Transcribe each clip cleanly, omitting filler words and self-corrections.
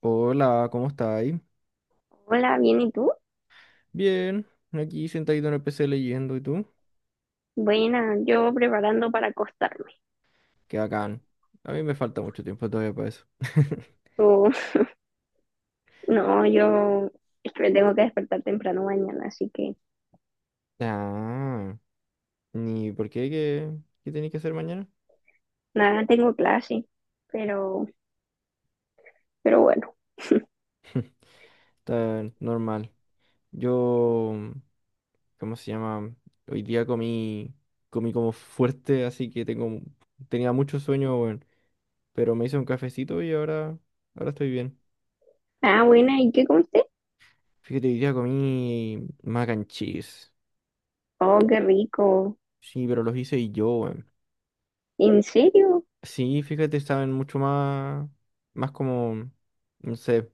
Hola, ¿cómo estáis? Hola, bien, ¿y tú? Bien, aquí sentadito en el PC leyendo, ¿y tú? Buena, yo preparando para acostarme. Qué bacán. A mí me falta mucho tiempo todavía para eso. Oh, no, yo es que me tengo que despertar temprano mañana, así que Ah, ¿y por qué? ¿Qué tenéis que hacer mañana? nada, tengo clase, pero, pero bueno. Está normal. Yo, ¿cómo se llama? Hoy día comí como fuerte, así que tenía mucho sueño, weón. Pero me hice un cafecito y ahora estoy bien. Ah, buena, ¿y qué comiste? Fíjate, hoy día comí mac and cheese. Oh, qué rico. Sí, pero los hice yo. ¿En serio? Sí, fíjate, saben mucho más como, no sé,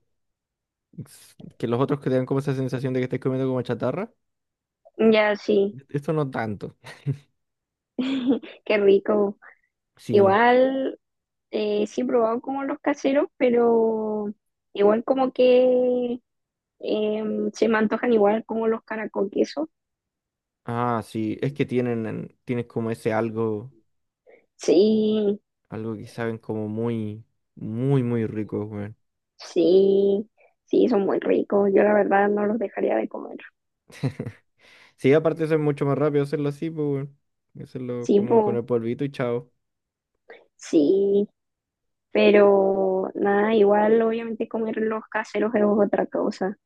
que los otros que te dan como esa sensación de que estás comiendo como chatarra. Ya, sí, Esto no tanto. qué rico. Sí. Igual, sí he probado como los caseros, pero igual como que se me antojan igual como los caracol queso. Ah, sí, es que tienen, tienen como ese algo, Sí, algo que saben como muy, muy, muy rico, weón. sí, sí, son muy ricos. Yo la verdad no los dejaría de comer. Sí, aparte eso es mucho más rápido hacerlo así, pues, weón. Hacerlo Sí, como con po, el polvito y chao. sí, pero nada, igual obviamente comer los caseros es otra cosa.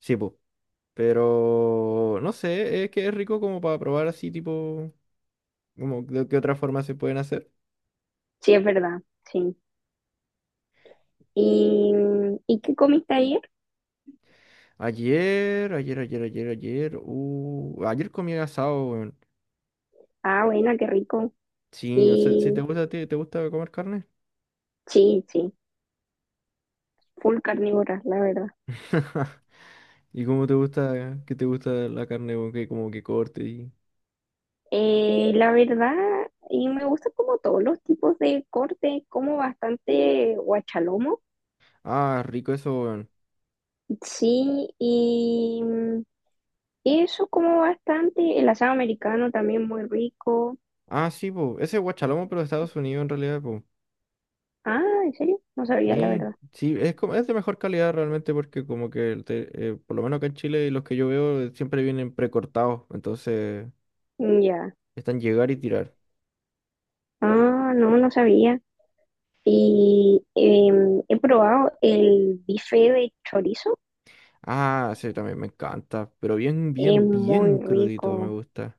Sí, pues. Pero, no sé, es que es rico como para probar así, tipo, como de qué otra forma se pueden hacer. Sí, es verdad, sí. ¿Y, ¿y qué comiste ayer? Ayer comí asado, weón. Ah, buena, qué rico. Sí, no sé, si te Y gusta a ti, ¿te gusta comer carne? sí, sí, full carnívora, la verdad. ¿Y cómo te gusta, qué te gusta la carne, weón? Que como que corte y. La verdad, y me gusta como todos los tipos de corte, como bastante guachalomo. Ah, rico eso, weón. Sí, y eso como bastante, el asado americano también muy rico. Ah, sí, po. Ese es guachalomo, pero de Estados Unidos en realidad, po. Ah, ¿en serio? No sabía la Sí, verdad. sí, es, como, es de mejor calidad realmente porque como que, por lo menos acá en Chile, los que yo veo siempre vienen precortados. Entonces, Mm, ya. están llegar y tirar. Ah, no, no sabía. Y he probado el bife de chorizo. Ah, sí, también me encanta. Pero bien, Es bien, muy bien crudito me rico. gusta.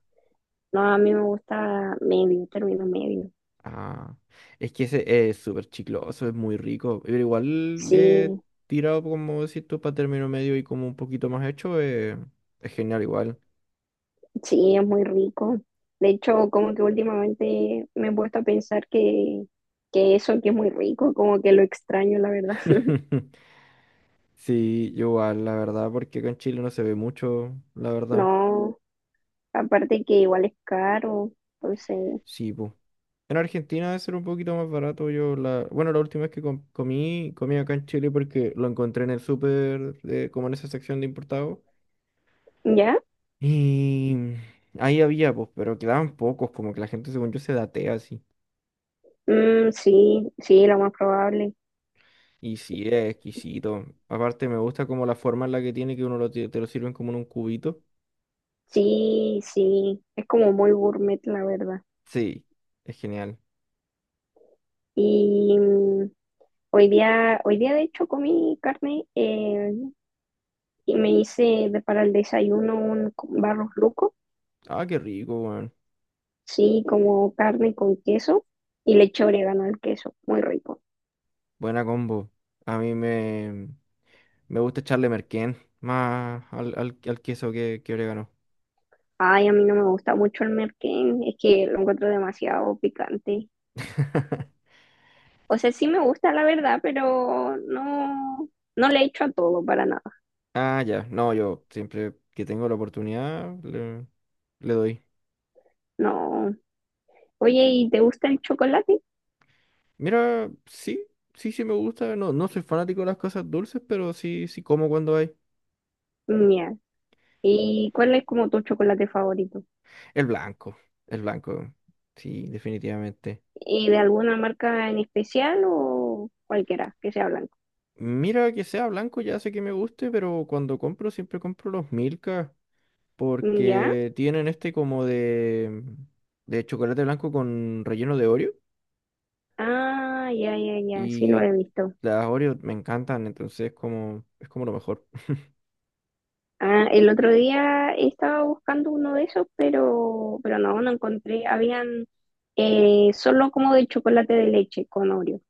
No, a mí me gusta medio, término medio. Ah, es que ese es súper chicloso, es muy rico. Pero igual Sí, tirado, como decís tú, para término medio y como un poquito más hecho, es genial igual. sí, es muy rico. De hecho, como que últimamente me he puesto a pensar que eso que es muy rico, como que lo extraño, la verdad. Sí, yo igual, la verdad, porque acá en Chile no se ve mucho, la verdad. No. Aparte que igual es caro, entonces, Sí, pues. En Argentina debe ser un poquito más barato. Yo bueno, la última vez que comí acá en Chile porque lo encontré en el súper, como en esa sección de importados. ¿ya? Y ahí había, pues, pero quedaban pocos, como que la gente, según yo, se datea así. Mm, sí, sí, lo más probable. Y sí, es exquisito. Aparte, me gusta como la forma en la que tiene, que uno te lo sirven como en un cubito. Sí, sí, es como muy gourmet, la verdad. Sí, es genial. Y hoy día de hecho comí carne y me hice para el desayuno un barros luco, Ah, qué rico, weón. sí, como carne con queso y le eché orégano al queso, muy rico. Buena combo. A mí me gusta echarle merquén más al queso que orégano. Ay, a mí no me gusta mucho el merquén, es que lo encuentro demasiado picante. O sea, sí me gusta la verdad, pero no, no le echo a todo para nada. Ah, ya. No, yo siempre que tengo la oportunidad le doy. No. Oye, ¿y te gusta el chocolate? Mira, sí, sí, sí me gusta. No, no soy fanático de las cosas dulces, pero sí, sí como cuando hay. Mira. ¿Y cuál es como tu chocolate favorito? El blanco, el blanco. Sí, definitivamente. ¿Y de alguna marca en especial o cualquiera que sea blanco? Mira, que sea blanco ya sé que me guste, pero cuando compro siempre compro los Milka ¿Ya? porque tienen este como de chocolate blanco con relleno de Oreo Ah, ya, ya, ya, sí lo y he visto. las Oreo me encantan, entonces como es como lo mejor. Ah, el otro día estaba buscando uno de esos, pero no, no encontré. Habían solo como de chocolate de leche con Oreo.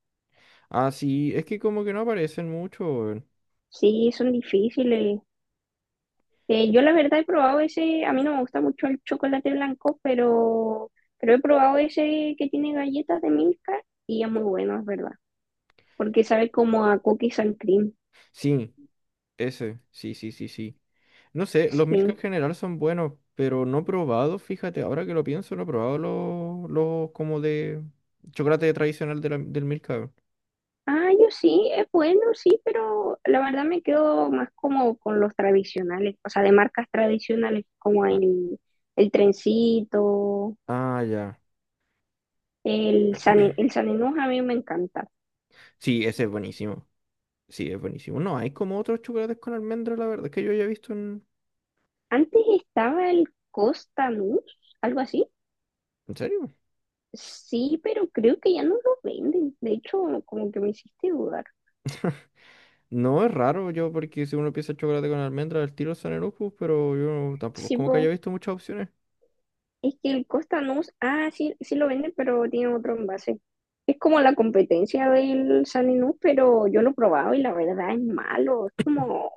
Ah, sí, es que como que no aparecen mucho, weón. Sí, son difíciles. Yo la verdad he probado ese, a mí no me gusta mucho el chocolate blanco, pero he probado ese que tiene galletas de Milka y es muy bueno, es verdad, porque sabe como a cookies and cream, Sí, ese, sí, sí, sí, sí. No sé, los Milka sí. en general son buenos, pero no he probado, fíjate, ahora que lo pienso, no he probado los como de chocolate tradicional del Milka, weón. Ah, yo sí, es bueno, sí, pero la verdad me quedo más como con los tradicionales, o sea, de marcas tradicionales como Ah, el Trencito, ah, ya. El San Enús, a mí me encanta. Sí, ese es buenísimo. Sí, es buenísimo. No, hay como otros chocolates con almendra, la verdad, es que yo haya visto en. Antes estaba el Costanús, algo así. ¿En serio? Sí, pero creo que ya no lo venden. De hecho, como que me hiciste dudar. No, es raro yo, porque si uno piensa chocolate con almendra, el tiro son Lupus, pero yo tampoco es Sí, como que haya po, visto muchas opciones. es que el Costa no, ah, sí, sí lo venden, pero tiene otro envase. Es como la competencia del Saninú, pero yo lo he probado y la verdad es malo. Es como,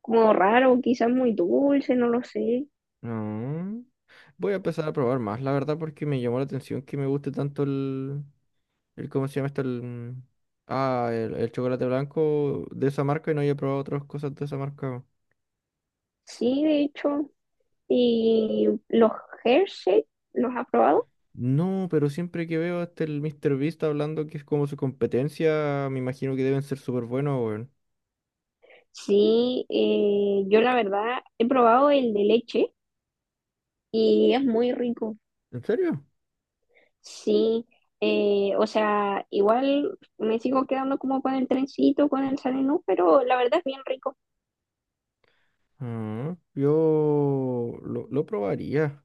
como raro, quizás muy dulce, no lo sé. No. Voy a empezar a probar más, la verdad, porque me llamó la atención que me guste tanto el ¿cómo se llama esto? El. Ah, el chocolate blanco de esa marca y no haya probado otras cosas de esa marca. Sí, de hecho. Y los Hershey, ¿los ha probado? No, pero siempre que veo a este el Mr. Beast hablando que es como su competencia, me imagino que deben ser súper buenos, weón. Sí, yo la verdad he probado el de leche y es muy rico. ¿En serio? Sí, o sea, igual me sigo quedando como con el trencito, con el Sanenú, pero la verdad es bien rico. Ah, yo lo probaría,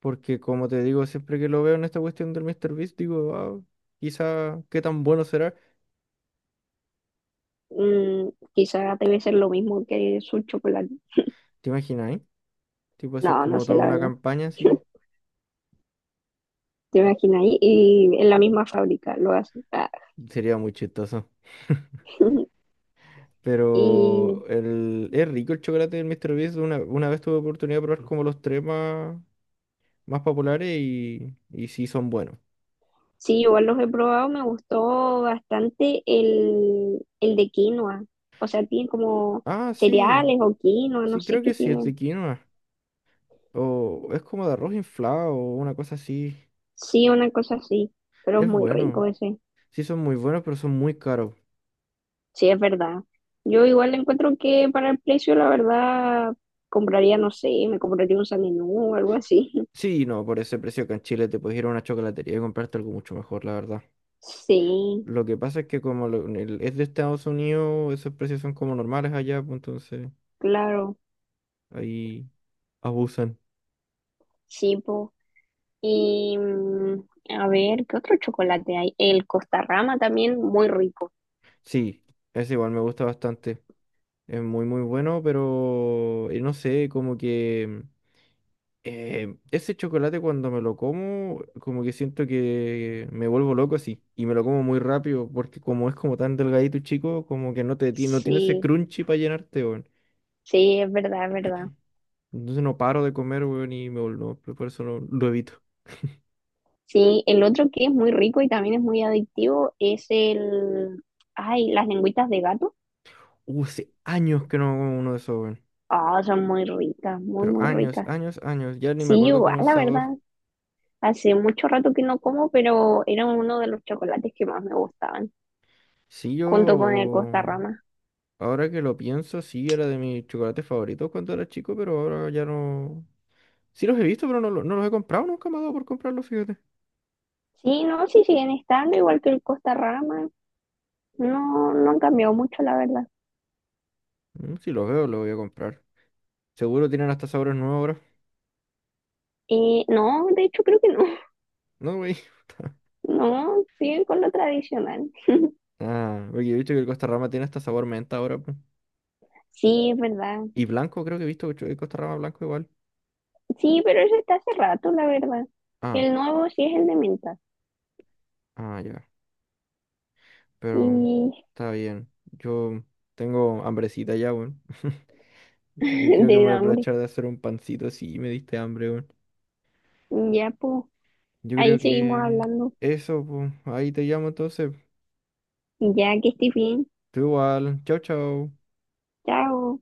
porque como te digo, siempre que lo veo en esta cuestión del Mr. Beast, digo, ah, quizá qué tan bueno será. Mm, quizá debe ser lo mismo que su chocolate. ¿Te imaginas, eh? Tipo así No, no como sé, toda la una verdad. campaña así. Te imaginas ahí, y en la misma fábrica lo hacen. Ah. Sería muy chistoso. Y Pero es rico el chocolate del Mr. Beast. Una vez tuve oportunidad de probar como los tres más populares y sí son buenos. sí, igual los he probado, me gustó bastante el de quinoa. O sea, tiene como Ah, sí, cereales o quinoa, no sí sé creo qué que sí es de tienen. quinoa. O es como de arroz inflado o una cosa así. Sí, una cosa así, pero es Es muy bueno. rico ese. Sí son muy buenos, pero son muy caros. Sí, es verdad. Yo igual encuentro que para el precio, la verdad, compraría, no sé, me compraría un Sanenú o algo así. Sí, no, por ese precio que en Chile te puedes ir a una chocolatería y comprarte algo mucho mejor, la verdad. Sí, Lo que pasa es que como es de Estados Unidos, esos precios son como normales allá, pues entonces claro, ahí abusan. sí, po. Y a ver, ¿qué otro chocolate hay? El Costarrama también, muy rico. Sí, es igual, me gusta bastante. Es muy, muy bueno, pero no sé, como que. Ese chocolate cuando me lo como, como que siento que me vuelvo loco así. Y me lo como muy rápido porque como es como tan delgadito y chico, como que no tiene ese Sí, crunchy para llenarte, weón. sí, es verdad, es verdad. Entonces no paro de comer, weón, y me vuelvo, por eso lo evito. Sí, el otro que es muy rico y también es muy adictivo es el... Ay, las lengüitas de gato. Hace años que no como uno de esos, weón. Ah, son muy ricas, muy, Pero muy años, ricas. años, años. Ya ni me Sí, acuerdo igual, cómo el la verdad. sabor. Hace mucho rato que no como, pero era uno de los chocolates que más me gustaban, Sí, junto con el yo, Costarrama. ahora que lo pienso, sí era de mis chocolates favoritos cuando era chico, pero ahora ya no. Sí los he visto, pero no, no los he comprado, nunca me ha dado por comprarlos, fíjate. Sí, no, sí siguen estando igual que el Costarrama. No, no han cambiado mucho, la verdad. Si los veo, los voy a comprar. Seguro tienen hasta sabores nuevos ahora. No, de hecho creo que no. No, güey. No, siguen con lo tradicional. Ah, porque he visto que el Costa Rama tiene hasta sabor menta ahora, po. Sí, es verdad. Y blanco, creo que he visto que el Costa Rama blanco igual. Sí, pero eso está hace rato, la verdad. Ah, El nuevo sí es el de menta. ah, ya. Pero Y está bien. Yo tengo hambrecita ya, weón. Así que creo que me de voy a hambre. aprovechar de hacer un pancito si me diste hambre, weón. Ya, pues, Yo ahí creo seguimos que hablando. eso, pues. Ahí te llamo entonces. Ya que estés bien. Tú igual. Chao, chao. Chao.